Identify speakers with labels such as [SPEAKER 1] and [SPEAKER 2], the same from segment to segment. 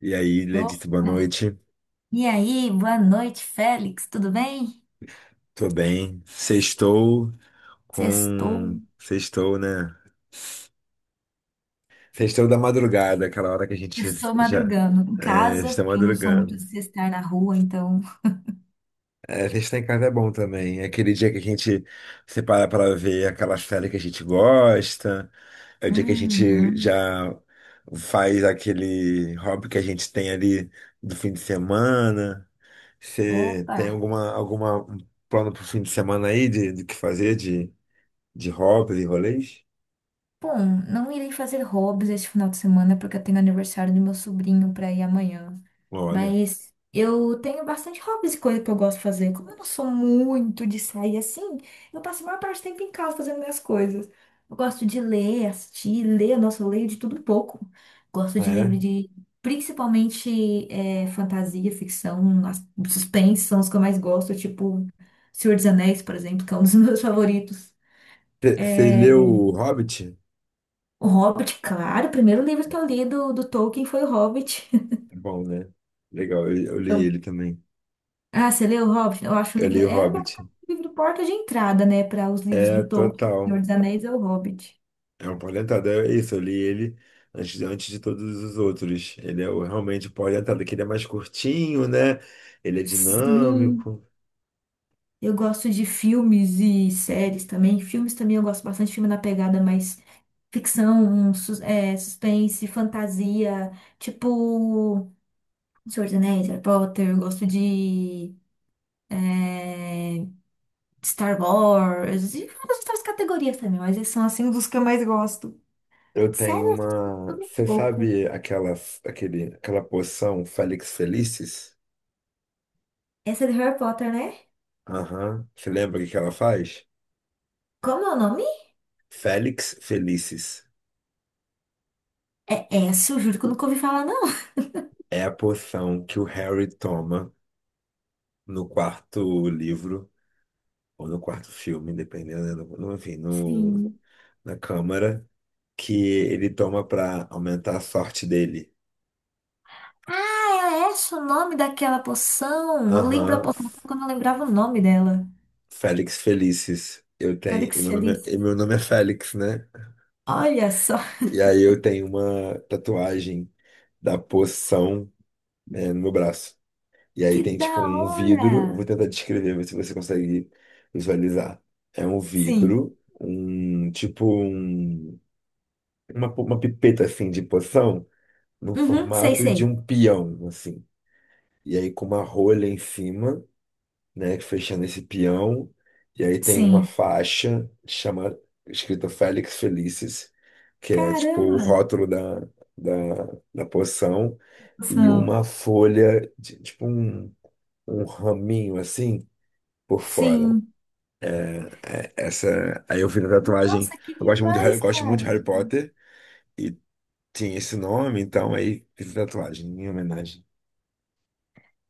[SPEAKER 1] E aí, Letícia, boa
[SPEAKER 2] Opa!
[SPEAKER 1] noite.
[SPEAKER 2] E aí, boa noite, Félix, tudo bem?
[SPEAKER 1] Tô bem. Sextou
[SPEAKER 2] Sextou.
[SPEAKER 1] com. Sextou, né? Sextou da madrugada, aquela hora que a gente
[SPEAKER 2] Estou
[SPEAKER 1] já
[SPEAKER 2] madrugando em
[SPEAKER 1] é,
[SPEAKER 2] casa,
[SPEAKER 1] está
[SPEAKER 2] porque eu não sou muito
[SPEAKER 1] madrugando.
[SPEAKER 2] de sextar na rua, então.
[SPEAKER 1] É, sextar em casa é bom também. É aquele dia que a gente separa para ver aquela série que a gente gosta. É o dia que a gente
[SPEAKER 2] Uhum.
[SPEAKER 1] já faz aquele hobby que a gente tem ali do fim de semana. Você
[SPEAKER 2] Opa!
[SPEAKER 1] tem alguma um plano pro fim de semana aí de que fazer, de hobbies e rolês?
[SPEAKER 2] Bom, não irei fazer hobbies este final de semana porque eu tenho aniversário do meu sobrinho para ir amanhã.
[SPEAKER 1] Olha,
[SPEAKER 2] Mas eu tenho bastante hobbies e coisa que eu gosto de fazer. Como eu não sou muito de sair assim, eu passo a maior parte do tempo em casa fazendo minhas coisas. Eu gosto de ler, assistir, ler. Nossa, eu leio de tudo um pouco. Gosto de livro
[SPEAKER 1] é.
[SPEAKER 2] de, principalmente, fantasia, ficção, suspense são os que eu mais gosto. Tipo, Senhor dos Anéis, por exemplo, que é um dos meus favoritos.
[SPEAKER 1] Você leu o Hobbit?
[SPEAKER 2] O Hobbit, claro, o primeiro livro que eu li do Tolkien foi o Hobbit.
[SPEAKER 1] É bom, né? Legal, eu li ele também.
[SPEAKER 2] Ah, você leu Hobbit? Eu acho o
[SPEAKER 1] Eu
[SPEAKER 2] livro.
[SPEAKER 1] li o
[SPEAKER 2] É basicamente
[SPEAKER 1] Hobbit.
[SPEAKER 2] o livro porta de entrada, né? Para os livros
[SPEAKER 1] É,
[SPEAKER 2] do Tolkien,
[SPEAKER 1] total.
[SPEAKER 2] Senhor dos Anéis é o Hobbit.
[SPEAKER 1] É um polentado, é isso. Eu li ele antes de todos os outros. Ele é o- realmente o polentado, que ele é mais curtinho, né? Ele é
[SPEAKER 2] Sim,
[SPEAKER 1] dinâmico.
[SPEAKER 2] eu gosto de filmes e séries também. Filmes também eu gosto bastante, filme na pegada mais ficção, um suspense, fantasia, tipo Senhor dos Anéis, Harry Potter. Eu gosto de é, Star Wars e várias outras categorias também, mas esses são assim dos que eu mais gosto.
[SPEAKER 1] Eu
[SPEAKER 2] Sério,
[SPEAKER 1] tenho
[SPEAKER 2] eu assisto
[SPEAKER 1] uma.
[SPEAKER 2] tudo um
[SPEAKER 1] Você
[SPEAKER 2] pouco.
[SPEAKER 1] sabe aquela, aquele, aquela poção Felix Felicis?
[SPEAKER 2] Essa é de Harry Potter, né?
[SPEAKER 1] Aham. Você lembra o que que ela faz?
[SPEAKER 2] Como é o nome?
[SPEAKER 1] Felix Felicis.
[SPEAKER 2] É Esso, juro que eu nunca ouvi falar, não.
[SPEAKER 1] É a poção que o Harry toma no quarto livro, ou no quarto filme, dependendo, né, enfim, no,
[SPEAKER 2] Sim.
[SPEAKER 1] na Câmara, que ele toma para aumentar a sorte dele.
[SPEAKER 2] Ah, é Esso o nome daquela poção. Eu lembro a
[SPEAKER 1] Aham,
[SPEAKER 2] poção só
[SPEAKER 1] F-
[SPEAKER 2] quando eu lembrava o nome dela.
[SPEAKER 1] Félix Felicis. Eu
[SPEAKER 2] Olha
[SPEAKER 1] tenho,
[SPEAKER 2] que
[SPEAKER 1] e meu nome, é- e
[SPEAKER 2] delícia.
[SPEAKER 1] meu nome é Félix, né?
[SPEAKER 2] Olha só,
[SPEAKER 1] E aí eu tenho uma tatuagem da poção, é, no meu braço. E aí
[SPEAKER 2] que
[SPEAKER 1] tem
[SPEAKER 2] da
[SPEAKER 1] tipo um vidro, eu
[SPEAKER 2] hora.
[SPEAKER 1] vou tentar descrever, ver se você consegue visualizar. É um
[SPEAKER 2] Sim.
[SPEAKER 1] vidro, um tipo um, uma pipeta assim de poção no
[SPEAKER 2] Uhum, sei,
[SPEAKER 1] formato de
[SPEAKER 2] sei.
[SPEAKER 1] um peão, assim. E aí com uma rolha em cima, né, fechando esse peão. E aí tem uma
[SPEAKER 2] Sim.
[SPEAKER 1] faixa chamada escrita Félix Felicis, que é tipo o
[SPEAKER 2] Caramba,
[SPEAKER 1] rótulo da, da, da poção, e
[SPEAKER 2] poção.
[SPEAKER 1] uma folha, de- tipo um, um raminho assim por fora.
[SPEAKER 2] Sim.
[SPEAKER 1] É, essa, aí eu fiz a tatuagem.
[SPEAKER 2] Nossa, que
[SPEAKER 1] Eu gosto muito de Harry,
[SPEAKER 2] demais,
[SPEAKER 1] gosto muito de
[SPEAKER 2] cara.
[SPEAKER 1] Harry Potter e tinha esse nome, então aí fiz a tatuagem em homenagem.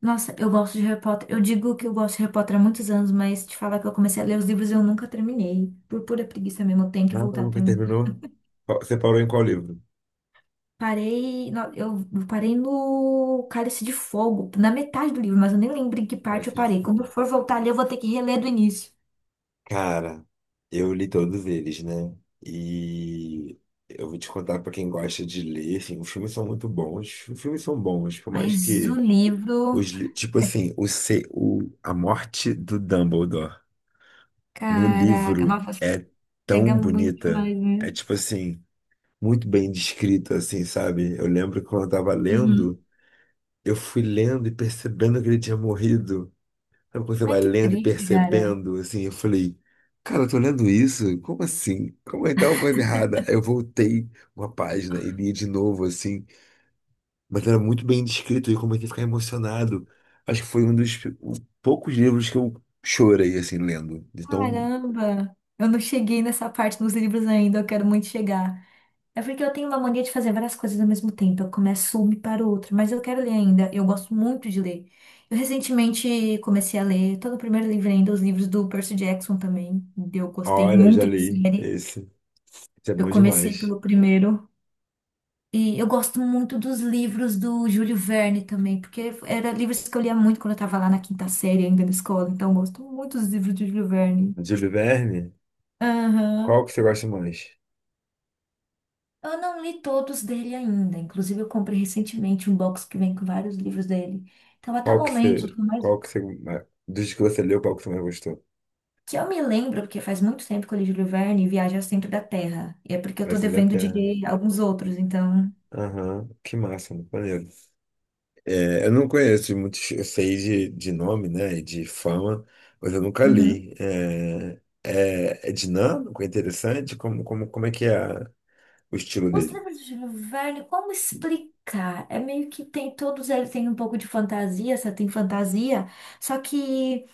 [SPEAKER 2] Nossa, eu gosto de Harry Potter. Eu digo que eu gosto de Harry Potter há muitos anos, mas te falar que eu comecei a ler os livros e eu nunca terminei. Por pura preguiça mesmo, eu tenho que
[SPEAKER 1] Ah,
[SPEAKER 2] voltar a
[SPEAKER 1] nunca
[SPEAKER 2] terminar.
[SPEAKER 1] terminou? Qual- Você parou em qual livro?
[SPEAKER 2] Parei, eu parei no Cálice de Fogo, na metade do livro, mas eu nem lembro em que parte eu
[SPEAKER 1] Cálice de
[SPEAKER 2] parei. Quando eu
[SPEAKER 1] Fogo.
[SPEAKER 2] for voltar ali, eu vou ter que reler do início.
[SPEAKER 1] Cara, eu li todos eles, né? E eu vou te contar pra quem gosta de ler, assim, os filmes são muito bons. Os filmes são bons, por mais
[SPEAKER 2] Mas o
[SPEAKER 1] que
[SPEAKER 2] livro,
[SPEAKER 1] os, li- tipo assim, o, se- o, a morte do Dumbledore. No
[SPEAKER 2] caraca,
[SPEAKER 1] livro
[SPEAKER 2] nossa, acho que
[SPEAKER 1] é
[SPEAKER 2] pega
[SPEAKER 1] tão
[SPEAKER 2] muito
[SPEAKER 1] bonita.
[SPEAKER 2] mais, né?
[SPEAKER 1] É tipo assim, muito bem descrita, assim, sabe? Eu lembro que quando eu tava
[SPEAKER 2] Uhum.
[SPEAKER 1] lendo, eu fui lendo e percebendo que ele tinha morrido. Sabe quando você
[SPEAKER 2] Ai,
[SPEAKER 1] vai
[SPEAKER 2] que
[SPEAKER 1] lendo e
[SPEAKER 2] triste, cara.
[SPEAKER 1] percebendo, assim, eu falei, cara, eu tô lendo isso? Como assim? Como é que tá uma coisa errada? Aí eu voltei uma página e li de novo, assim, mas era muito bem descrito e eu comecei a ficar emocionado. Acho que foi um dos poucos livros que eu chorei, assim, lendo. Então,
[SPEAKER 2] Caramba, eu não cheguei nessa parte nos livros ainda, eu quero muito chegar. É porque eu tenho uma mania de fazer várias coisas ao mesmo tempo. Eu começo uma e paro outra, mas eu quero ler ainda. Eu gosto muito de ler. Eu recentemente comecei a ler, todo o primeiro livro ainda, os livros do Percy Jackson também. Eu gostei
[SPEAKER 1] olha, eu já
[SPEAKER 2] muito da
[SPEAKER 1] li
[SPEAKER 2] série.
[SPEAKER 1] esse. Isso é
[SPEAKER 2] Eu
[SPEAKER 1] bom
[SPEAKER 2] comecei
[SPEAKER 1] demais.
[SPEAKER 2] pelo primeiro. E eu gosto muito dos livros do Júlio Verne também, porque eram livros que eu lia muito quando eu estava lá na quinta série ainda na escola. Então eu gosto muito dos livros do Júlio Verne.
[SPEAKER 1] Júlio Verne,
[SPEAKER 2] Aham.
[SPEAKER 1] qual que você gosta mais?
[SPEAKER 2] Eu não li todos dele ainda. Inclusive, eu comprei recentemente um box que vem com vários livros dele. Então, até o
[SPEAKER 1] Qual que
[SPEAKER 2] momento,
[SPEAKER 1] você,
[SPEAKER 2] por mais
[SPEAKER 1] qual que você dos que você leu, qual que você mais gostou?
[SPEAKER 2] que eu me lembro, porque faz muito tempo que eu li Júlio Verne Viagem ao Centro da Terra. E é porque eu tô
[SPEAKER 1] Versão da
[SPEAKER 2] devendo de
[SPEAKER 1] Terra.
[SPEAKER 2] ler alguns outros, então.
[SPEAKER 1] Aham, que massa, muito maneiro. É, eu não conheço muitos, eu sei de nome, né, e de fama, mas eu nunca
[SPEAKER 2] Uhum.
[SPEAKER 1] li. É, é, é dinâmico, é interessante, como é que é a- o estilo
[SPEAKER 2] Os
[SPEAKER 1] dele?
[SPEAKER 2] livros de Júlio Verne, como explicar? É meio que tem todos eles têm um pouco de fantasia, só tem fantasia, só que.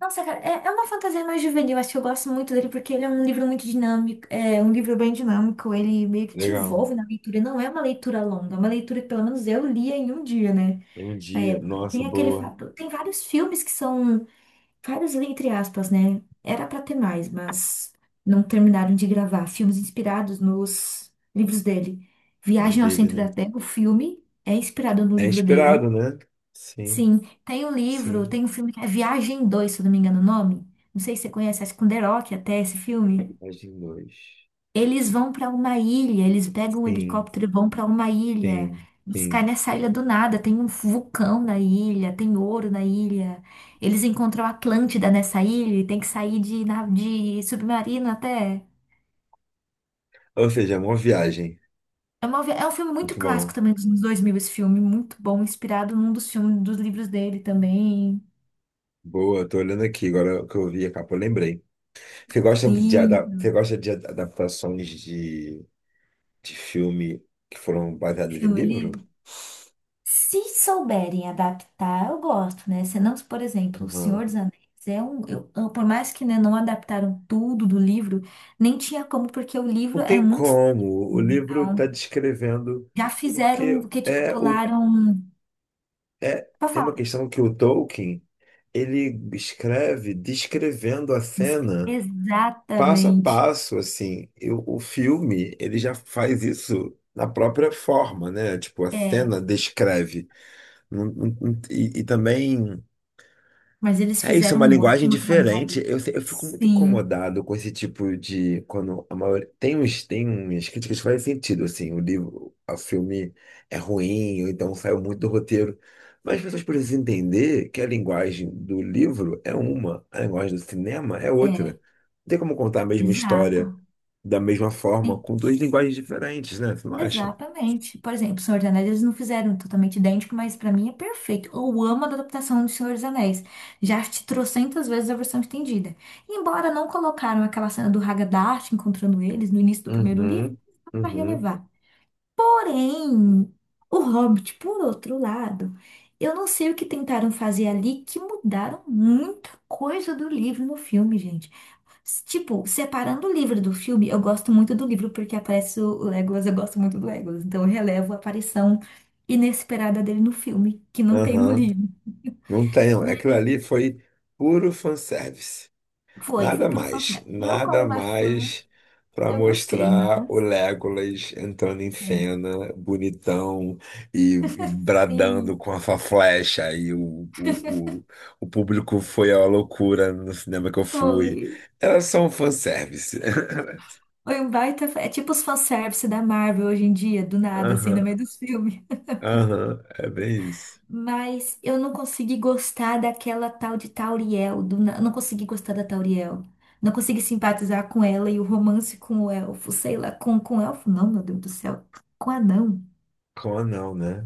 [SPEAKER 2] Nossa, cara, é uma fantasia mais juvenil. Acho que eu gosto muito dele porque ele é um livro muito dinâmico, é um livro bem dinâmico. Ele meio que te
[SPEAKER 1] Legal.
[SPEAKER 2] envolve na leitura. Não é uma leitura longa, é uma leitura que pelo menos eu lia em um dia, né?
[SPEAKER 1] Tem um
[SPEAKER 2] Na
[SPEAKER 1] dia,
[SPEAKER 2] época.
[SPEAKER 1] nossa,
[SPEAKER 2] Tem aquele
[SPEAKER 1] boa,
[SPEAKER 2] fato, tem vários filmes que são vários entre aspas, né? Era pra ter mais, mas não terminaram de gravar. Filmes inspirados nos livros dele.
[SPEAKER 1] os
[SPEAKER 2] Viagem ao
[SPEAKER 1] dele,
[SPEAKER 2] Centro
[SPEAKER 1] né?
[SPEAKER 2] da Terra, o filme é inspirado no
[SPEAKER 1] É
[SPEAKER 2] livro
[SPEAKER 1] inspirado,
[SPEAKER 2] dele.
[SPEAKER 1] né? Sim,
[SPEAKER 2] Sim, tem o livro,
[SPEAKER 1] sim.
[SPEAKER 2] tem um filme que é Viagem 2 se eu não me engano o nome. Não sei se você conhece, acho que com The Rock até esse filme.
[SPEAKER 1] Imagem 2.
[SPEAKER 2] Eles vão para uma ilha, eles pegam um
[SPEAKER 1] Sim,
[SPEAKER 2] helicóptero e vão para uma ilha.
[SPEAKER 1] sim,
[SPEAKER 2] Eles caem
[SPEAKER 1] sim.
[SPEAKER 2] nessa ilha do nada, tem um vulcão na ilha, tem ouro na ilha. Eles encontram a Atlântida nessa ilha e tem que sair de, de submarino até.
[SPEAKER 1] Ou seja, é uma viagem.
[SPEAKER 2] É um filme muito
[SPEAKER 1] Muito
[SPEAKER 2] clássico
[SPEAKER 1] bom.
[SPEAKER 2] também dos anos 2000 esse filme, muito bom, inspirado num dos filmes, dos livros dele também.
[SPEAKER 1] Boa, tô olhando aqui, agora que eu vi a capa, eu lembrei. Você gosta de,
[SPEAKER 2] Sim.
[SPEAKER 1] ada- você gosta de ad- adaptações de filme que foram baseadas em
[SPEAKER 2] filme,
[SPEAKER 1] livro?
[SPEAKER 2] ele Se souberem adaptar, eu gosto, né? Senão, por exemplo, O
[SPEAKER 1] Uhum.
[SPEAKER 2] Senhor dos Anéis é um. Por mais que né, não adaptaram tudo do livro, nem tinha como, porque o livro
[SPEAKER 1] Não
[SPEAKER 2] é
[SPEAKER 1] tem
[SPEAKER 2] muito extenso.
[SPEAKER 1] como. O livro está
[SPEAKER 2] Então,
[SPEAKER 1] descrevendo,
[SPEAKER 2] já fizeram
[SPEAKER 1] porque
[SPEAKER 2] o que, tipo,
[SPEAKER 1] é o
[SPEAKER 2] pularam.
[SPEAKER 1] é
[SPEAKER 2] Pra
[SPEAKER 1] tem uma
[SPEAKER 2] falar,
[SPEAKER 1] questão que o Tolkien ele escreve descrevendo a cena. Passo a
[SPEAKER 2] exatamente.
[SPEAKER 1] passo, assim, eu- o filme, ele já faz isso na própria forma, né? Tipo, a
[SPEAKER 2] É,
[SPEAKER 1] cena descreve. E também.
[SPEAKER 2] mas eles
[SPEAKER 1] É isso, é
[SPEAKER 2] fizeram
[SPEAKER 1] uma
[SPEAKER 2] um
[SPEAKER 1] linguagem
[SPEAKER 2] ótimo
[SPEAKER 1] diferente.
[SPEAKER 2] trabalho.
[SPEAKER 1] Eu, se- eu fico muito
[SPEAKER 2] Sim,
[SPEAKER 1] incomodado com esse tipo de. Quando a maioria, tem uns, tem umas críticas que fazem sentido, assim, o livro, o filme é ruim, ou então saiu muito do roteiro. Mas as pessoas precisam entender que a linguagem do livro é uma, a linguagem do cinema é outra.
[SPEAKER 2] é,
[SPEAKER 1] Não tem como contar a mesma história
[SPEAKER 2] exato.
[SPEAKER 1] da mesma forma, com duas linguagens diferentes, né? Você não acha?
[SPEAKER 2] Exatamente. Por exemplo, O Senhor dos Anéis, eles não fizeram totalmente idêntico, mas pra mim é perfeito. Eu amo a adaptação do Senhor dos Anéis. Já assisti trocentas vezes a versão estendida. Embora não colocaram aquela cena do Haggadah encontrando eles no início do primeiro livro,
[SPEAKER 1] Uhum,
[SPEAKER 2] dá pra
[SPEAKER 1] uhum,
[SPEAKER 2] relevar. Porém, o Hobbit, por outro lado, eu não sei o que tentaram fazer ali que mudaram muita coisa do livro no filme, gente. Tipo, separando o livro do filme, eu gosto muito do livro porque aparece o Legolas, eu gosto muito do Legolas. Então eu relevo a aparição inesperada dele no filme, que não tem no
[SPEAKER 1] aham.
[SPEAKER 2] livro.
[SPEAKER 1] Não tem.
[SPEAKER 2] Mas
[SPEAKER 1] Aquilo ali foi puro fanservice.
[SPEAKER 2] foi
[SPEAKER 1] Nada
[SPEAKER 2] puro
[SPEAKER 1] mais,
[SPEAKER 2] fanservice. Eu, como
[SPEAKER 1] nada
[SPEAKER 2] uma fã,
[SPEAKER 1] mais para
[SPEAKER 2] eu gostei,
[SPEAKER 1] mostrar
[SPEAKER 2] mas
[SPEAKER 1] o Legolas entrando em
[SPEAKER 2] é,
[SPEAKER 1] cena, bonitão e
[SPEAKER 2] sim,
[SPEAKER 1] bradando com a sua flecha. E o público foi à loucura no cinema que eu fui.
[SPEAKER 2] foi.
[SPEAKER 1] Era só um fanservice.
[SPEAKER 2] Foi um baita. É tipo os fanservice da Marvel hoje em dia, do nada, assim, no
[SPEAKER 1] Aham,
[SPEAKER 2] meio dos filmes.
[SPEAKER 1] aham, é bem isso.
[SPEAKER 2] Mas eu não consegui gostar daquela tal de Tauriel. Não consegui gostar da Tauriel. Não consegui simpatizar com ela e o romance com o elfo. Sei lá, com o elfo não, meu Deus do céu. Com o anão.
[SPEAKER 1] Como não, né?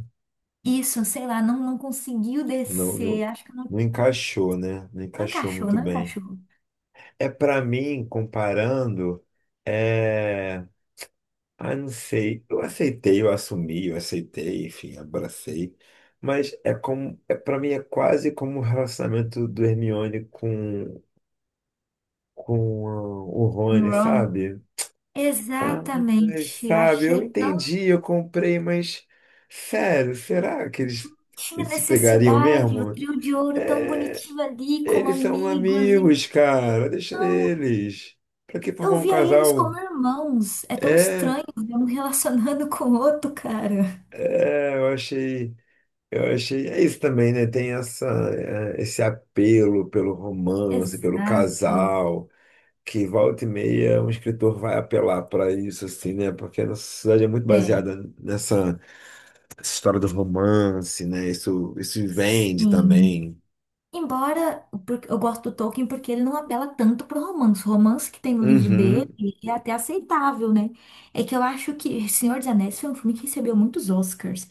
[SPEAKER 2] Isso, sei lá, não, não conseguiu
[SPEAKER 1] Não,
[SPEAKER 2] descer.
[SPEAKER 1] não,
[SPEAKER 2] Acho que não,
[SPEAKER 1] não encaixou, né? Não
[SPEAKER 2] não
[SPEAKER 1] encaixou
[SPEAKER 2] encaixou,
[SPEAKER 1] muito
[SPEAKER 2] não
[SPEAKER 1] bem.
[SPEAKER 2] encaixou.
[SPEAKER 1] É para mim, comparando, é. Ah, não sei. Eu aceitei, eu assumi, eu aceitei, enfim, abracei. Mas é como, é para mim é quase como o relacionamento do Hermione com ah, o
[SPEAKER 2] Um
[SPEAKER 1] Rony,
[SPEAKER 2] Ron.
[SPEAKER 1] sabe? Ah,
[SPEAKER 2] Exatamente. Eu
[SPEAKER 1] sabe, eu
[SPEAKER 2] achei tão.
[SPEAKER 1] entendi, eu comprei, mas sério, será que eles,
[SPEAKER 2] Tinha
[SPEAKER 1] eles se pegariam
[SPEAKER 2] necessidade. O
[SPEAKER 1] mesmo?
[SPEAKER 2] trio de ouro tão
[SPEAKER 1] É,
[SPEAKER 2] bonitinho ali, como
[SPEAKER 1] eles são
[SPEAKER 2] amigos. E
[SPEAKER 1] amigos, cara, deixa
[SPEAKER 2] não.
[SPEAKER 1] eles. Pra que
[SPEAKER 2] Eu
[SPEAKER 1] formar um
[SPEAKER 2] via eles
[SPEAKER 1] casal?
[SPEAKER 2] como irmãos. É tão
[SPEAKER 1] É,
[SPEAKER 2] estranho ver um relacionando com o outro, cara.
[SPEAKER 1] é, eu achei. Eu achei, é isso também, né? Tem essa, é, esse apelo pelo romance, pelo
[SPEAKER 2] Exato.
[SPEAKER 1] casal, que volta e meia um escritor vai apelar para isso, assim, né? Porque a nossa sociedade é muito
[SPEAKER 2] É,
[SPEAKER 1] baseada nessa história do romance, né? Isso vende
[SPEAKER 2] sim.
[SPEAKER 1] também.
[SPEAKER 2] Embora porque eu gosto do Tolkien porque ele não apela tanto pro romance. O romance que tem no livro dele
[SPEAKER 1] Uhum.
[SPEAKER 2] é até aceitável, né? É que eu acho que Senhor dos Anéis foi um filme que recebeu muitos Oscars.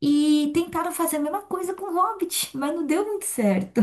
[SPEAKER 2] E tentaram fazer a mesma coisa com Hobbit, mas não deu muito certo.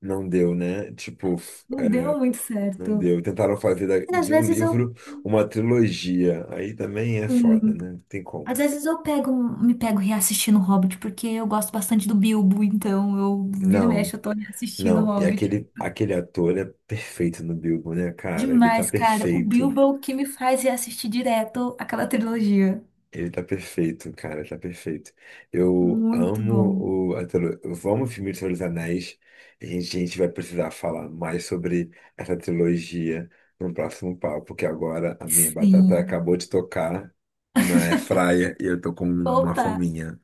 [SPEAKER 1] Não deu, né? Tipo, f-
[SPEAKER 2] Não deu
[SPEAKER 1] é,
[SPEAKER 2] muito
[SPEAKER 1] não
[SPEAKER 2] certo.
[SPEAKER 1] deu. Tentaram fazer da-
[SPEAKER 2] Mas às
[SPEAKER 1] de um
[SPEAKER 2] vezes eu.
[SPEAKER 1] livro uma trilogia. Aí também é foda, né? Não tem
[SPEAKER 2] Às
[SPEAKER 1] como.
[SPEAKER 2] vezes eu pego, me pego reassistindo o Hobbit, porque eu gosto bastante do Bilbo, então eu viro e mexe,
[SPEAKER 1] Não.
[SPEAKER 2] eu tô reassistindo o
[SPEAKER 1] Não, e
[SPEAKER 2] Hobbit.
[SPEAKER 1] aquele, aquele ator é perfeito no Bilbo, né, cara? Ele tá
[SPEAKER 2] Demais, cara. O
[SPEAKER 1] perfeito.
[SPEAKER 2] Bilbo é o que me faz reassistir direto aquela trilogia.
[SPEAKER 1] Ele tá perfeito, cara, tá perfeito. Eu
[SPEAKER 2] Muito bom.
[SPEAKER 1] amo o. A trilo- Eu amo o filme de Senhor dos Anéis. A gente vai precisar falar mais sobre essa trilogia no próximo papo, porque agora a minha batata
[SPEAKER 2] Sim.
[SPEAKER 1] acabou de tocar na airfryer e eu tô com uma
[SPEAKER 2] Opa,
[SPEAKER 1] fominha.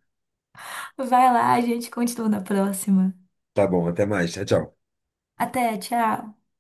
[SPEAKER 2] vai lá, a gente continua na próxima.
[SPEAKER 1] Tá bom, até mais. Tchau, tchau.
[SPEAKER 2] Até, tchau.